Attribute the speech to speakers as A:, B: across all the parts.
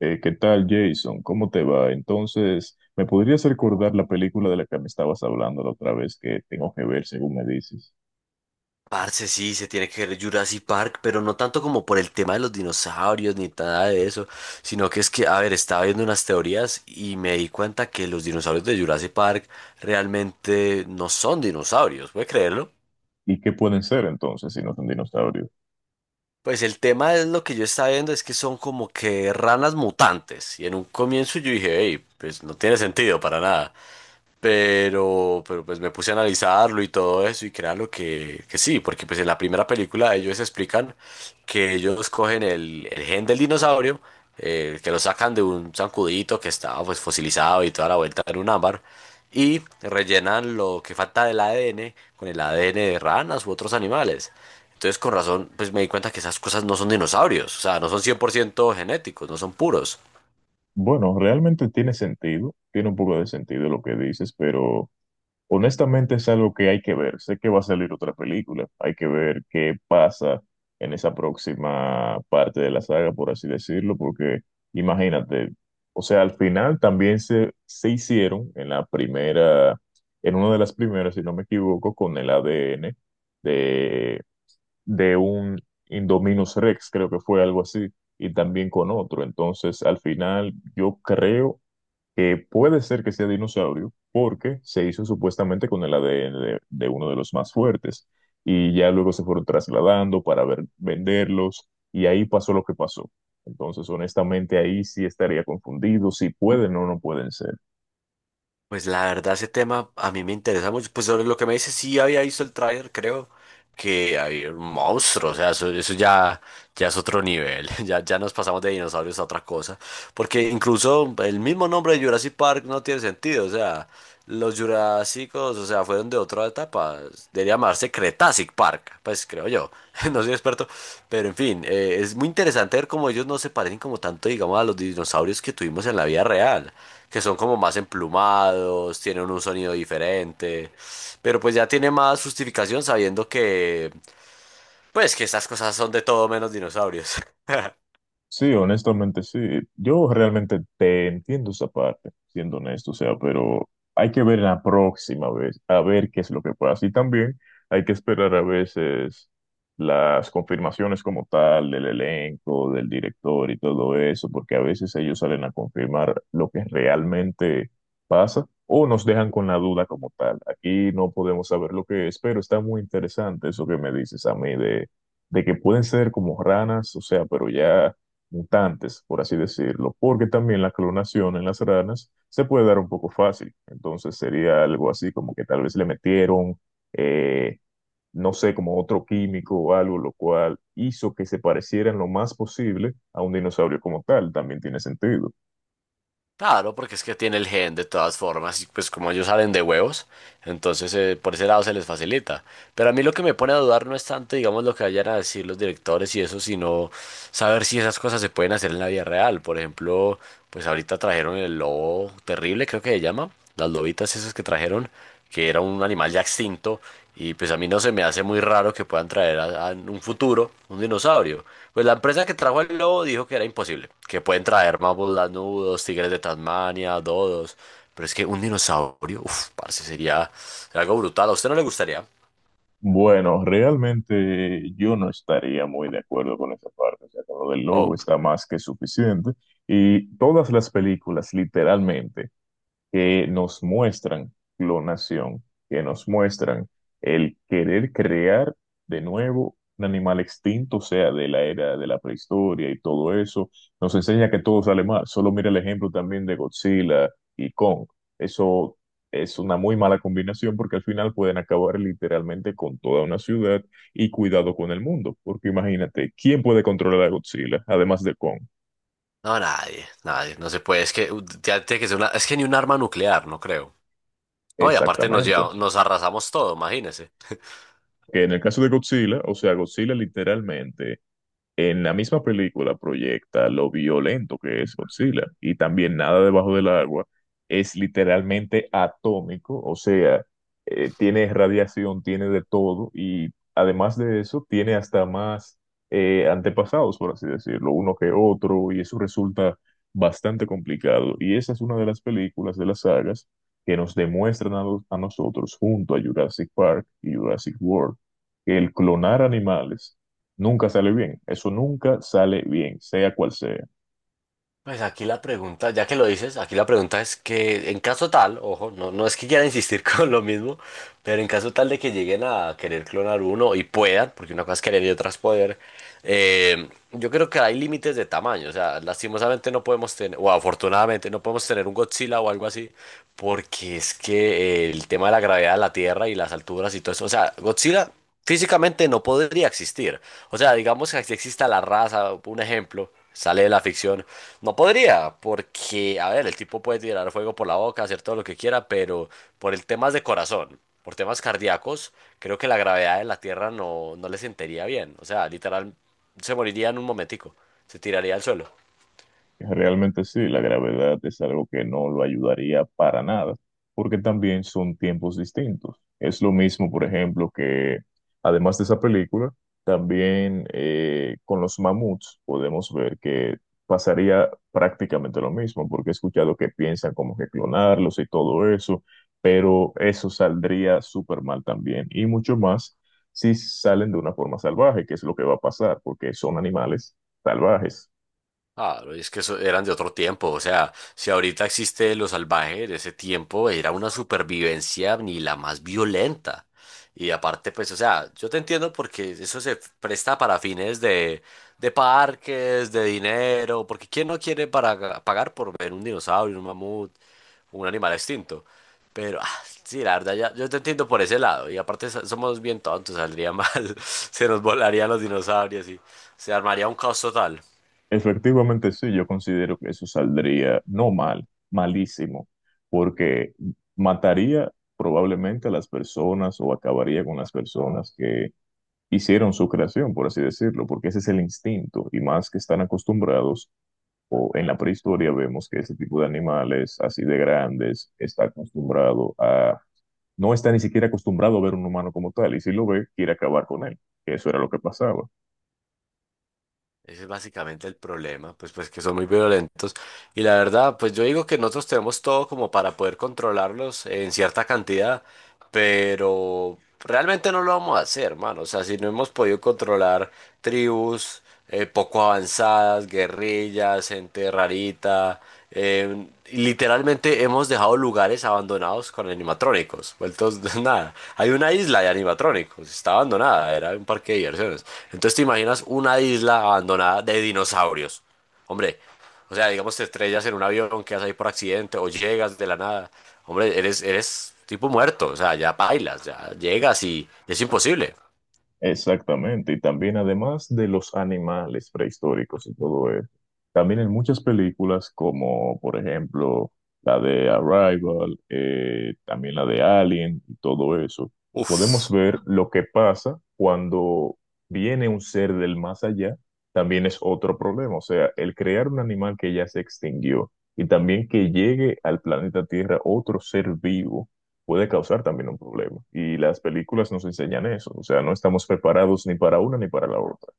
A: ¿Qué tal, Jason? ¿Cómo te va? Entonces, ¿me podrías recordar la película de la que me estabas hablando la otra vez que tengo que ver, según me dices?
B: Parce, sí, se tiene que ver Jurassic Park, pero no tanto como por el tema de los dinosaurios ni nada de eso, sino que es que, a ver, estaba viendo unas teorías y me di cuenta que los dinosaurios de Jurassic Park realmente no son dinosaurios, ¿puede creerlo?
A: ¿Y qué pueden ser entonces si no son dinosaurios?
B: Pues el tema es lo que yo estaba viendo es que son como que ranas mutantes y en un comienzo yo dije, hey, pues no tiene sentido para nada. Pero pues me puse a analizarlo y todo eso y créalo que sí, porque pues en la primera película ellos explican que ellos cogen el gen del dinosaurio, que lo sacan de un zancudito que estaba pues fosilizado y toda la vuelta en un ámbar, y rellenan lo que falta del ADN con el ADN de ranas u otros animales. Entonces con razón pues me di cuenta que esas cosas no son dinosaurios, o sea, no son 100% genéticos, no son puros.
A: Bueno, realmente tiene sentido, tiene un poco de sentido lo que dices, pero honestamente es algo que hay que ver. Sé que va a salir otra película. Hay que ver qué pasa en esa próxima parte de la saga, por así decirlo, porque imagínate, o sea, al final también se hicieron en la primera, en una de las primeras, si no me equivoco, con el ADN de, de un Indominus Rex, creo que fue algo así, y también con otro. Entonces, al final, yo creo que puede ser que sea dinosaurio porque se hizo supuestamente con el ADN de uno de los más fuertes y ya luego se fueron trasladando para venderlos y ahí pasó lo que pasó. Entonces, honestamente, ahí sí estaría confundido si pueden o no pueden ser.
B: Pues la verdad ese tema a mí me interesa mucho. Pues sobre lo que me dice, sí había visto el tráiler, creo que había un monstruo, o sea, eso ya, ya es otro nivel, ya, ya nos pasamos de dinosaurios a otra cosa, porque incluso el mismo nombre de Jurassic Park no tiene sentido, o sea, los Jurásicos, o sea, fueron de otra etapa, debería llamarse Cretacic Park, pues creo yo, no soy experto, pero en fin, es muy interesante ver cómo ellos no se parecen como tanto, digamos, a los dinosaurios que tuvimos en la vida real que son como más emplumados, tienen un sonido diferente, pero pues ya tiene más justificación sabiendo que, pues que estas cosas son de todo menos dinosaurios.
A: Sí, honestamente sí. Yo realmente te entiendo esa parte, siendo honesto, o sea, pero hay que ver la próxima vez, a ver qué es lo que pasa. Y también hay que esperar a veces las confirmaciones como tal del elenco, del director y todo eso, porque a veces ellos salen a confirmar lo que realmente pasa o nos dejan con la duda como tal. Aquí no podemos saber lo que es, pero está muy interesante eso que me dices a mí de que pueden ser como ranas, o sea, pero ya mutantes, por así decirlo, porque también la clonación en las ranas se puede dar un poco fácil. Entonces sería algo así como que tal vez le metieron, eh, no sé, como otro químico o algo, lo cual hizo que se parecieran lo más posible a un dinosaurio como tal. También tiene sentido.
B: Claro, porque es que tiene el gen de todas formas y pues como ellos salen de huevos, entonces por ese lado se les facilita. Pero a mí lo que me pone a dudar no es tanto, digamos, lo que vayan a decir los directores y eso, sino saber si esas cosas se pueden hacer en la vida real. Por ejemplo, pues ahorita trajeron el lobo terrible, creo que se llama, las lobitas esas que trajeron que era un animal ya extinto, y pues a mí no se me hace muy raro que puedan traer en un futuro un dinosaurio. Pues la empresa que trajo el lobo dijo que era imposible, que pueden traer mamuts lanudos, tigres de Tasmania, dodos, pero es que un dinosaurio, uff, parce, sería algo brutal. ¿A usted no le gustaría?
A: Bueno, realmente yo no estaría muy de acuerdo con esa parte. O sea, con lo del lobo
B: Oh,
A: está más que suficiente. Y todas las películas, literalmente que nos muestran clonación, que nos muestran el querer crear de nuevo un animal extinto, o sea, de la era de la prehistoria y todo eso, nos enseña que todo sale mal. Solo mira el ejemplo también de Godzilla y Kong. Eso es una muy mala combinación porque al final pueden acabar literalmente con toda una ciudad y cuidado con el mundo, porque imagínate, ¿quién puede controlar a Godzilla además de Kong?
B: no, nadie, nadie, no se puede, es que ya tiene que ser una, es que ni un arma nuclear, no creo.
A: No, y también,
B: No, y aparte
A: exactamente.
B: nos arrasamos todo, imagínese.
A: Que en el caso de Godzilla, o sea, Godzilla literalmente en la misma película proyecta lo violento que es Godzilla y también nada debajo del agua es literalmente atómico, o sea, tiene radiación, tiene de todo y además de eso tiene hasta más antepasados, por así decirlo, uno que otro y eso resulta bastante complicado y esa es una de las películas de las sagas que nos demuestran a, a nosotros junto a Jurassic Park y Jurassic World que el clonar animales nunca sale bien, eso nunca sale bien, sea cual sea.
B: Pues aquí la pregunta, ya que lo dices, aquí la pregunta es que en caso tal, ojo, no, no es que quiera insistir con lo mismo, pero en caso tal de que lleguen a querer clonar uno y puedan, porque una cosa es querer y otra es poder, yo creo que hay límites de tamaño, o sea, lastimosamente no podemos tener, o afortunadamente no podemos tener un Godzilla o algo así, porque es que el tema de la gravedad de la Tierra y las alturas y todo eso, o sea, Godzilla físicamente no podría existir. O sea, digamos que si exista la raza, un ejemplo, sale de la ficción. No podría, porque, a ver, el tipo puede tirar fuego por la boca, hacer todo lo que quiera, pero por el temas de corazón, por temas cardíacos, creo que la gravedad de la Tierra no, no le sentiría bien. O sea, literal, se moriría en un momentico, se tiraría al suelo.
A: Realmente sí, la gravedad es algo que no lo ayudaría para nada, porque también son tiempos distintos. Es lo mismo, por ejemplo, que además de esa película, también con los mamuts podemos ver que pasaría prácticamente lo mismo, porque he escuchado que piensan como que clonarlos y todo eso, pero eso saldría súper mal también, y mucho más si salen de una forma salvaje, que es lo que va a pasar, porque son animales salvajes.
B: Claro, y es que eso eran de otro tiempo, o sea, si ahorita existe lo salvaje de ese tiempo, era una supervivencia ni la más violenta. Y aparte, pues, o sea, yo te entiendo porque eso se presta para fines de parques, de dinero, porque ¿quién no quiere para, pagar por ver un dinosaurio, un mamut, un animal extinto? Pero, ah, sí, la verdad, ya, yo te entiendo por ese lado. Y aparte somos bien tontos, saldría mal, se nos volarían los dinosaurios y se armaría un caos total.
A: Efectivamente, sí, yo considero que eso saldría no mal, malísimo, porque mataría probablemente a las personas o acabaría con las personas que hicieron su creación, por así decirlo, porque ese es el instinto y más que están acostumbrados, o en la prehistoria vemos que ese tipo de animales así de grandes está acostumbrado a, no está ni siquiera acostumbrado a ver un humano como tal y si lo ve, quiere acabar con él, que eso era lo que pasaba.
B: Ese es básicamente el problema, pues que son muy violentos. Y la verdad, pues yo digo que nosotros tenemos todo como para poder controlarlos en cierta cantidad, pero realmente no lo vamos a hacer, hermano. O sea, si no hemos podido controlar tribus poco avanzadas, guerrillas, gente rarita, literalmente hemos dejado lugares abandonados con animatrónicos, vueltos de nada. Hay una isla de animatrónicos, está abandonada, era un parque de diversiones. Entonces te imaginas una isla abandonada de dinosaurios. Hombre, o sea, digamos te estrellas en un avión, quedas ahí por accidente o llegas de la nada. Hombre, eres tipo muerto, o sea, ya bailas, ya llegas y es imposible.
A: Exactamente, y también además de los animales prehistóricos y todo eso, también en muchas películas como por ejemplo la de Arrival, también la de Alien y todo eso, podemos
B: Uf.
A: ver lo que pasa cuando viene un ser del más allá, también es otro problema, o sea, el crear un animal que ya se extinguió y también que llegue al planeta Tierra otro ser vivo puede causar también un problema. Y las películas nos enseñan eso, o sea, no estamos preparados ni para una ni para la otra.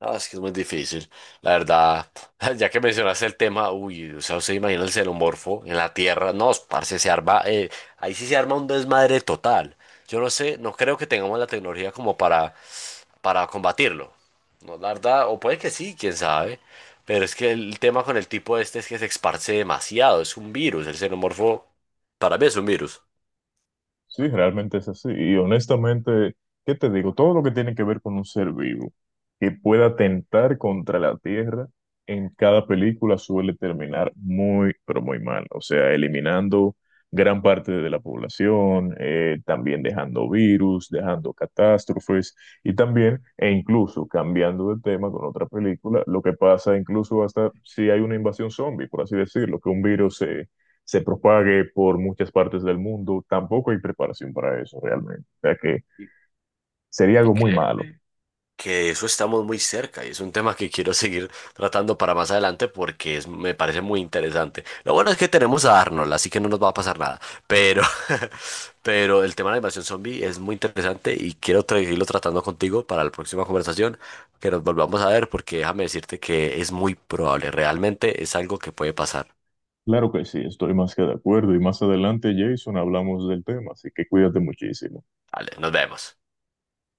B: No, es que es muy difícil, la verdad. Ya que mencionaste el tema, uy, o sea, usted imagina el xenomorfo en la Tierra. No, parce, se arma, ahí sí se arma un desmadre total. Yo no sé, no creo que tengamos la tecnología como para combatirlo. No, la verdad, o puede que sí, quién sabe. Pero es que el tema con el tipo este es que se esparce demasiado, es un virus. El xenomorfo, para mí es un virus.
A: Sí, realmente es así. Y honestamente, ¿qué te digo? Todo lo que tiene que ver con un ser vivo que pueda atentar contra la Tierra en cada película suele terminar muy, pero muy mal. O sea, eliminando gran parte de la población, también dejando virus, dejando catástrofes y también, e incluso cambiando de tema con otra película, lo que pasa incluso hasta si hay una invasión zombie, por así decirlo, que un virus se propague por muchas partes del mundo, tampoco hay preparación para eso realmente. O sea que
B: Y,
A: sería
B: ¿Y
A: algo
B: qué?
A: muy malo.
B: Que eso estamos muy cerca y es un tema que quiero seguir tratando para más adelante porque me parece muy interesante. Lo bueno es que tenemos a Arnold, así que no nos va a pasar nada, pero, pero el tema de la invasión zombie es muy interesante y quiero seguirlo tratando contigo para la próxima conversación, que nos volvamos a ver porque déjame decirte que es muy probable, realmente es algo que puede pasar.
A: Claro que sí, estoy más que de acuerdo y más adelante, Jason, hablamos del tema, así que cuídate muchísimo.
B: Vale, nos vemos.